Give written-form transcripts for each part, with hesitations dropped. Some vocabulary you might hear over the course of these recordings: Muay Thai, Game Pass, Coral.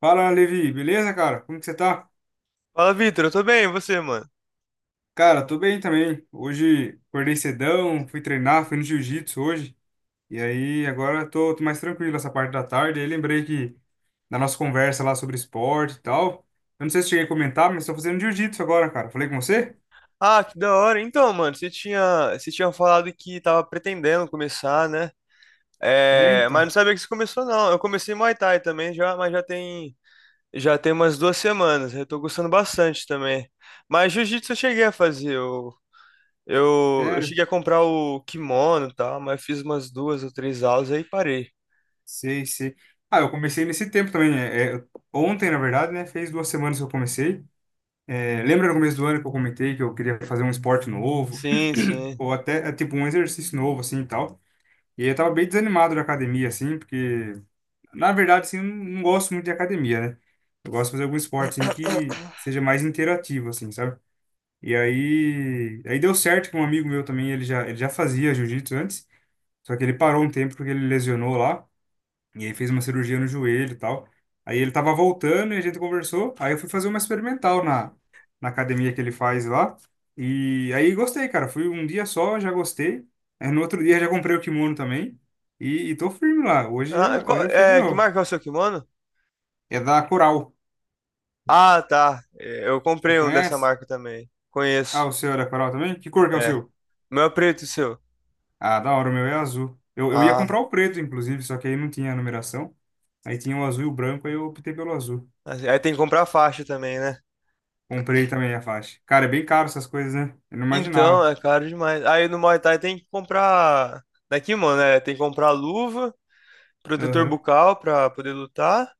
Fala, Levi, beleza, cara? Como que você tá? Fala, Vitor, eu tô bem, e você, mano? Cara, tô bem também. Hoje acordei cedão, fui treinar, fui no jiu-jitsu hoje. E aí agora tô mais tranquilo essa parte da tarde. Aí lembrei que da nossa conversa lá sobre esporte e tal. Eu não sei se cheguei a comentar, mas tô fazendo jiu-jitsu agora, cara. Falei com você? Ah, que da hora. Então, mano, você tinha falado que tava pretendendo começar, né? É, É, mas então. não sabia que você começou, não. Eu comecei Muay Thai também já, mas já tem umas 2 semanas. Eu tô gostando bastante também. Mas Jiu-Jitsu eu cheguei a fazer. Eu Sério? cheguei a comprar o kimono e tal, mas fiz umas duas ou três aulas aí parei. Sei, sei. Ah, eu comecei nesse tempo também. É, é, ontem, na verdade, né? Fez 2 semanas que eu comecei. É, lembra no começo do ano que eu comentei que eu queria fazer um esporte novo? Sim, sim. Ou até, é, tipo, um exercício novo, assim, e tal. E eu tava bem desanimado da academia, assim, porque, na verdade, assim, eu não gosto muito de academia, né? Eu gosto de fazer algum esporte, assim, que seja mais interativo, assim, sabe? E aí deu certo que um amigo meu também, ele já fazia jiu-jitsu antes, só que ele parou um tempo porque ele lesionou lá. E aí fez uma cirurgia no joelho e tal. Aí ele tava voltando e a gente conversou. Aí eu fui fazer uma experimental na academia que ele faz lá. E aí gostei, cara. Fui um dia só, já gostei. Aí no outro dia já comprei o kimono também. E tô firme lá. Hoje, Ah, já, hoje eu fui de é, que novo. marca é o seu kimono? É da Coral. Ah, tá. É, eu Você comprei um dessa conhece? marca também. Ah, Conheço. o seu é da Coral também? Que cor que é o seu? O meu é preto, e o seu? Ah, da hora, o meu é azul. Eu ia Ah, comprar o preto, inclusive, só que aí não tinha a numeração. Aí tinha o azul e o branco, aí eu optei pelo azul. assim, aí tem que comprar faixa também, né? Comprei também a faixa. Cara, é bem caro essas coisas, né? Eu não Então, imaginava. é caro demais. Aí no Muay Thai tem que comprar. Daqui, mano, tem que comprar luva, protetor Aham. bucal pra poder lutar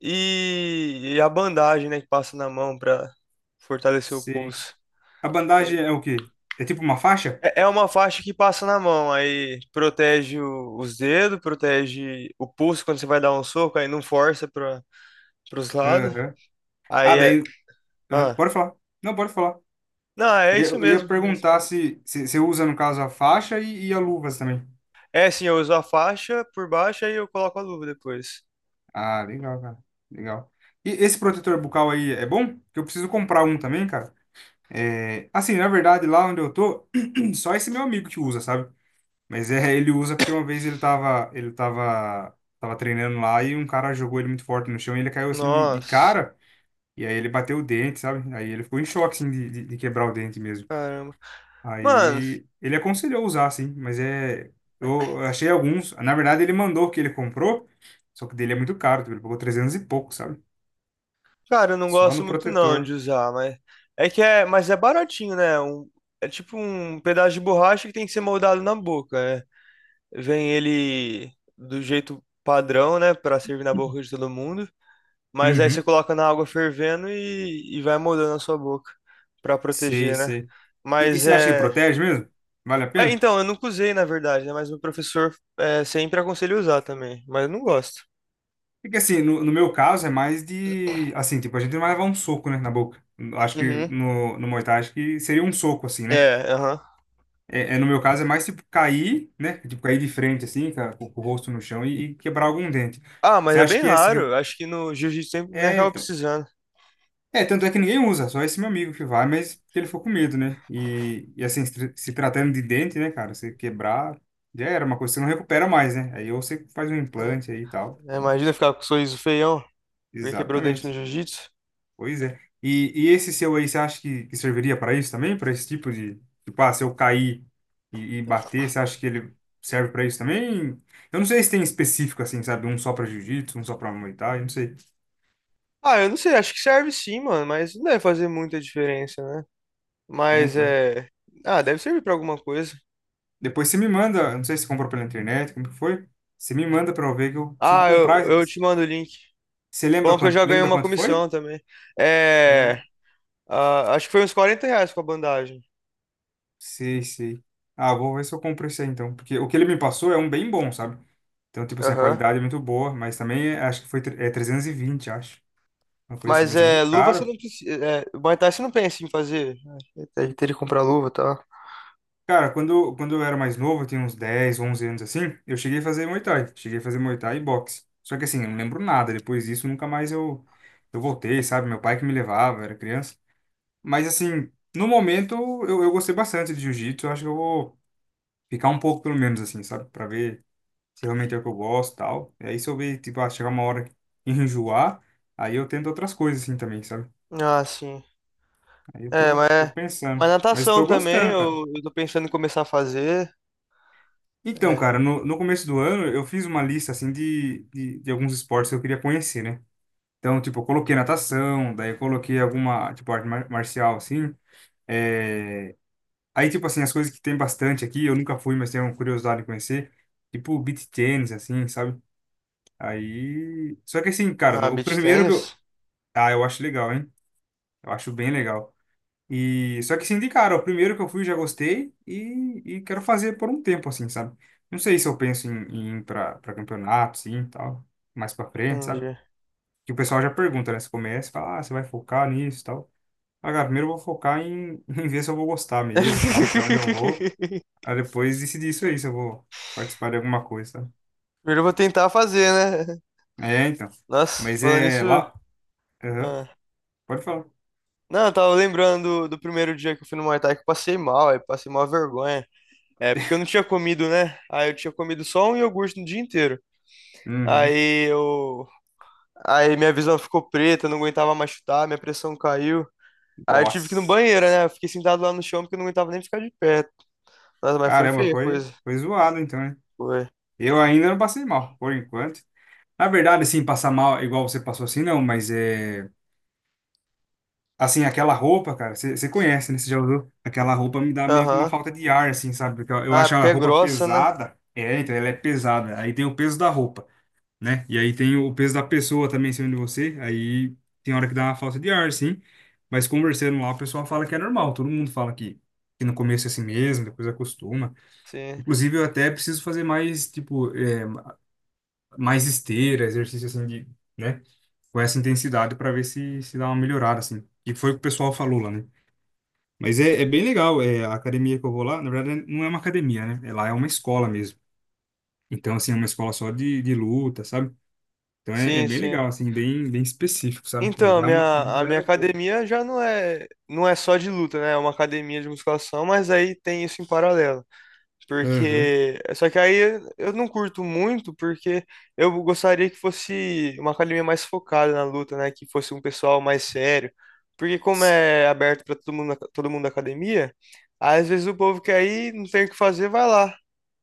e, a bandagem, né, que passa na mão pra fortalecer o Sei, pulso. sei. A bandagem é o quê? É tipo uma faixa? É uma faixa que passa na mão, aí protege os dedos, protege o pulso quando você vai dar um soco, aí não força pra, pros lados. Aham. Aí Ah, é. daí. Aham. Ah, Pode falar. Não, pode falar. não, é Eu ia, isso eu ia mesmo. É isso perguntar mesmo. se você usa, no caso, a faixa e a luvas também. É, sim, eu uso a faixa por baixo e eu coloco a luva depois. Ah, legal, cara. Legal. E esse protetor bucal aí é bom? Porque eu preciso comprar um também, cara. É, assim, na verdade, lá onde eu tô, só esse meu amigo que usa, sabe? Mas é, ele usa porque uma vez ele tava treinando lá e um cara jogou ele muito forte no chão e ele caiu assim de, Nossa, cara e aí ele bateu o dente, sabe? Aí ele ficou em choque assim de quebrar o dente mesmo. caramba. Mano, Aí ele aconselhou usar assim, mas é eu achei alguns, na verdade ele mandou o que ele comprou, só que dele é muito caro, tipo, ele pagou 300 e pouco, sabe? cara, eu não Só gosto no muito não de protetor. usar, mas é que é, mas é baratinho, né? É tipo um pedaço de borracha que tem que ser moldado na boca, né? Vem ele do jeito padrão, né, pra servir na boca de todo mundo, mas aí você Uhum. coloca na água fervendo e, vai moldando a sua boca pra Sei, proteger, né? sei. E Mas você acha que é protege mesmo? Vale a É, pena? então, eu nunca usei, na verdade, né? Mas meu professor sempre aconselha a usar também. Mas eu não gosto. Porque assim, no, meu caso é mais de. Assim, tipo, a gente não vai levar um soco, né, na boca. Acho que Uhum. no Muay Thai, acho que seria um soco, assim, né? É, aham. É, é, no meu caso é mais tipo cair, né? Tipo, cair de frente, assim, com o rosto no chão e quebrar algum dente. Ah, mas Você é acha bem que esse. Que raro. eu... Acho que no jiu-jitsu sempre nem É, acaba então. precisando. É, tanto é que ninguém usa, só esse meu amigo que vai, mas porque ele ficou com medo, né? E assim, se tratando de dente, né, cara, você quebrar, já era uma coisa que você não recupera mais, né? Aí ou você faz um implante aí e tal. Né? Então, Imagina ficar com o sorriso feião porque quebrou o dente no exatamente. jiu-jitsu. Pois é. E esse seu aí, você acha que serviria para isso também? Para esse tipo de, tipo, ah, se eu cair e bater, você acha que ele serve para isso também? Eu não sei se tem específico assim, sabe? Um só para jiu-jitsu, um só para muay thai, não sei. Ah, eu não sei, acho que serve sim, mano, mas não deve fazer muita diferença, né? É, Mas então. é. Ah, deve servir pra alguma coisa. Depois você me manda, eu não sei se comprou pela internet, como que foi? Você me manda para eu ver que eu preciso Ah, eu, comprar. eu te mando o link. Você Bom, que eu já ganhei lembra uma quanto foi? comissão também. É. É. Ah, acho que foi uns R$ 40 com a bandagem. Sei, sei. Ah, vou ver se eu compro esse aí então. Porque o que ele me passou é um bem bom, sabe? Então, tipo assim, a Aham. qualidade é muito boa, mas também é- acho que foi tre- é 320 acho. Uma coisa assim, Mas mas é muito é, luva você caro. não precisa. É, o Muay Thai você não pensa em fazer, né? Teria que comprar luva e tal. Cara, quando eu era mais novo, eu tinha uns 10 11 anos assim, eu cheguei a fazer Muay Thai. Cheguei a fazer Muay Thai e boxe. Só que assim, eu não lembro nada. Depois disso, nunca mais eu, voltei, sabe? Meu pai que me levava, eu era criança. Mas assim, no momento, eu gostei bastante de jiu-jitsu. Eu acho que eu vou ficar um pouco, pelo menos, assim, sabe? Pra ver se realmente é o que eu gosto e tal. E aí se eu ver, tipo, ah, chegar uma hora que enjoar, aí eu tento outras coisas assim também, sabe? Ah, sim. Aí eu É, tô, mas, tô mas pensando. Mas natação tô também, gostando, cara. eu tô pensando em começar a fazer. Então, É. cara, no começo do ano eu fiz uma lista assim de, de alguns esportes que eu queria conhecer, né? Então, tipo, eu coloquei natação, daí eu coloquei alguma, tipo, arte marcial, assim. É... Aí, tipo assim, as coisas que tem bastante aqui, eu nunca fui, mas tenho curiosidade de conhecer. Tipo, beach tennis, assim, sabe? Aí... Só que assim, Ah, cara, o beach primeiro que eu... tennis? Ah, eu acho legal, hein? Eu acho bem legal. E só que se indicaram, o primeiro que eu fui já gostei e quero fazer por um tempo assim, sabe? Não sei se eu penso em, em ir para campeonato, sim, e tal, mais para frente, sabe? Entendi. Que o pessoal já pergunta, né? Você começa, e fala, ah, você vai focar nisso, e tal. Ah, cara, primeiro eu vou focar em, em ver se eu vou gostar mesmo, tal, até onde eu vou. Aí depois decidir isso aí, se eu vou participar de alguma coisa, sabe? Primeiro eu vou tentar fazer, né? É, então. Nossa, Mas falando é isso. lá. Aham. ah. Pode falar. Não, eu tava lembrando do primeiro dia que eu fui no Muay Thai que eu passei mal, aí passei mal vergonha. É, porque eu não tinha comido, né? Aí eu tinha comido só um iogurte no dia inteiro. Uhum. Aí eu. Aí minha visão ficou preta, eu não aguentava mais chutar, minha pressão caiu. Aí eu tive que ir no Nossa. banheiro, né? Eu fiquei sentado lá no chão porque eu não aguentava nem ficar de pé. Nossa, mas foi Caramba, feia a foi, coisa. foi zoado então, né? Foi. Eu ainda não passei mal, por enquanto. Na verdade, assim, passar mal igual você passou assim, não, mas é. Assim, aquela roupa, cara, você conhece, né? Você já usou? Aquela roupa me dá meio que uma Aham. falta de ar, assim, sabe? Porque eu, Ah, acho porque a é roupa grossa, né? pesada. É, então ela é pesada. Aí tem o peso da roupa, né? E aí tem o peso da pessoa também em cima de você. Aí tem hora que dá uma falta de ar, sim. Mas conversando lá, o pessoal fala que é normal. Todo mundo fala que no começo é assim mesmo, depois acostuma. Sim. Inclusive, eu até preciso fazer mais, tipo, mais esteira, exercício assim de, né, com essa intensidade para ver se dá uma melhorada assim. E foi o que o pessoal falou lá, né? Mas é, é bem legal, é a academia que eu vou lá, na verdade não é uma academia, né? É lá é uma escola mesmo. Então assim, é uma escola só de, luta, sabe? Então é, é Sim, bem sim. legal assim, bem bem específico, sabe? E Então, a vai uma minha, a minha galera boa. academia já não é só de luta, né? É uma academia de musculação, mas aí tem isso em paralelo. Aham. Porque. Só que aí eu não curto muito, porque eu gostaria que fosse uma academia mais focada na luta, né? Que fosse um pessoal mais sério. Porque como é aberto para todo mundo da academia, às vezes o povo quer ir, não tem o que fazer, vai lá,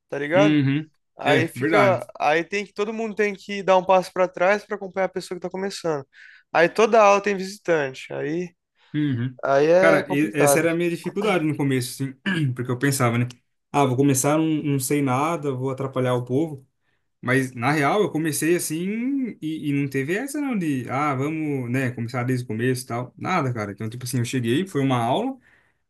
tá ligado? Uhum. Aí É, fica. verdade. Aí tem que. Todo mundo tem que dar um passo para trás para acompanhar a pessoa que tá começando. Aí toda aula tem visitante. Aí, Uhum. aí é Cara, e- essa complicado. era a minha dificuldade no começo, assim, porque eu pensava, né? Ah, vou começar, não sei nada, vou atrapalhar o povo. Mas, na real, eu comecei assim e não teve essa não de, ah, vamos, né, começar desde o começo e tal. Nada, cara. Então, tipo assim, eu cheguei, foi uma aula,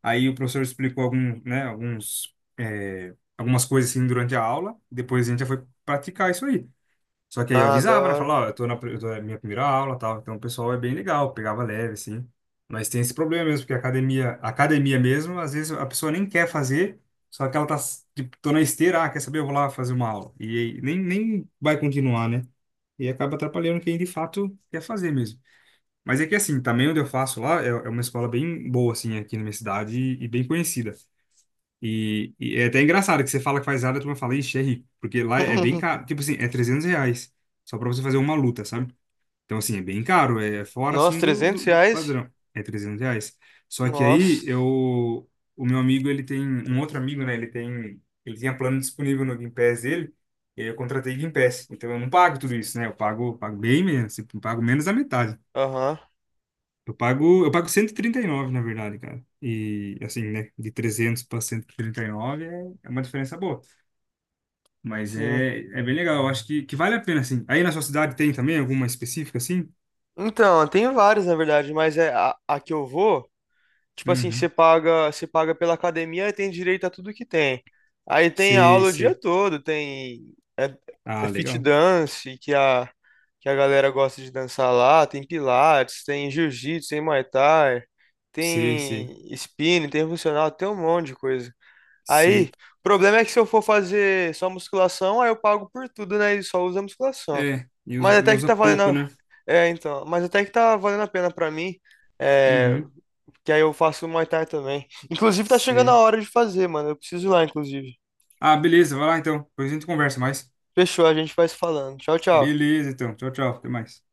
aí o professor explicou algum, né, alguns, é, algumas coisas assim durante a aula, depois a gente já foi praticar isso aí. Só que aí eu Ah, da avisava, né? hora. Falava, ó, eu tô na minha primeira aula, tal. Então o pessoal é bem legal, pegava leve, assim. Mas tem esse problema mesmo, porque a academia mesmo, às vezes a pessoa nem quer fazer, só que ela tá, tipo, tô na esteira, ah, quer saber? Eu vou lá fazer uma aula. E aí nem vai continuar, né? E acaba atrapalhando quem de fato quer fazer mesmo. Mas é que assim, também onde eu faço lá é, é uma escola bem boa, assim, aqui na minha cidade e bem conhecida. E é até engraçado que você fala que faz área, tu turma fala, ixi, é rico. Porque lá é bem caro. Tipo assim, é R$ 300. Só pra você fazer uma luta, sabe? Então, assim, é bem caro. É fora, Nossa, assim, do, 300 do reais? padrão. É R$ 300. Só que aí, Nossa. eu... O meu amigo, ele tem... Um outro amigo, né? Ele tem... Ele tinha plano disponível no Game Pass dele. E aí eu contratei Game Pass. Então, eu não pago tudo isso, né? Eu pago bem menos. Tipo, eu pago menos da metade. Aham, Eu pago cento e trinta e nove na verdade, cara. E assim, né, de 300 para 139 é uma diferença boa, mas sim. é, é bem legal, eu acho que vale a pena assim. Aí na sua cidade tem também alguma específica assim? Então, tem vários, na verdade, mas é a que eu vou, tipo assim, você Uhum. paga, você paga pela academia e tem direito a tudo que tem. Aí tem Sei, aula o dia sei. todo, tem Ah, fit legal. dance, que a galera gosta de dançar lá, tem pilates, tem jiu-jitsu, tem muay thai, Sei, sei. tem spinning, tem funcional, tem um monte de coisa. Aí, Sei. o problema é que se eu for fazer só musculação, aí eu pago por tudo, né? E só usa musculação. É, e Mas usa, até que usa tá valendo. pouco, A- né? É, então. Mas até que tá valendo a pena pra mim. É, Uhum. que aí eu faço o Muay Thai também. Inclusive, tá chegando a Sei. hora de fazer, mano. Eu preciso ir lá, inclusive. Ah, beleza, vai lá então. Depois a gente conversa mais. Fechou, a gente vai se falando. Tchau, tchau. Beleza, então. Tchau, tchau. Até mais.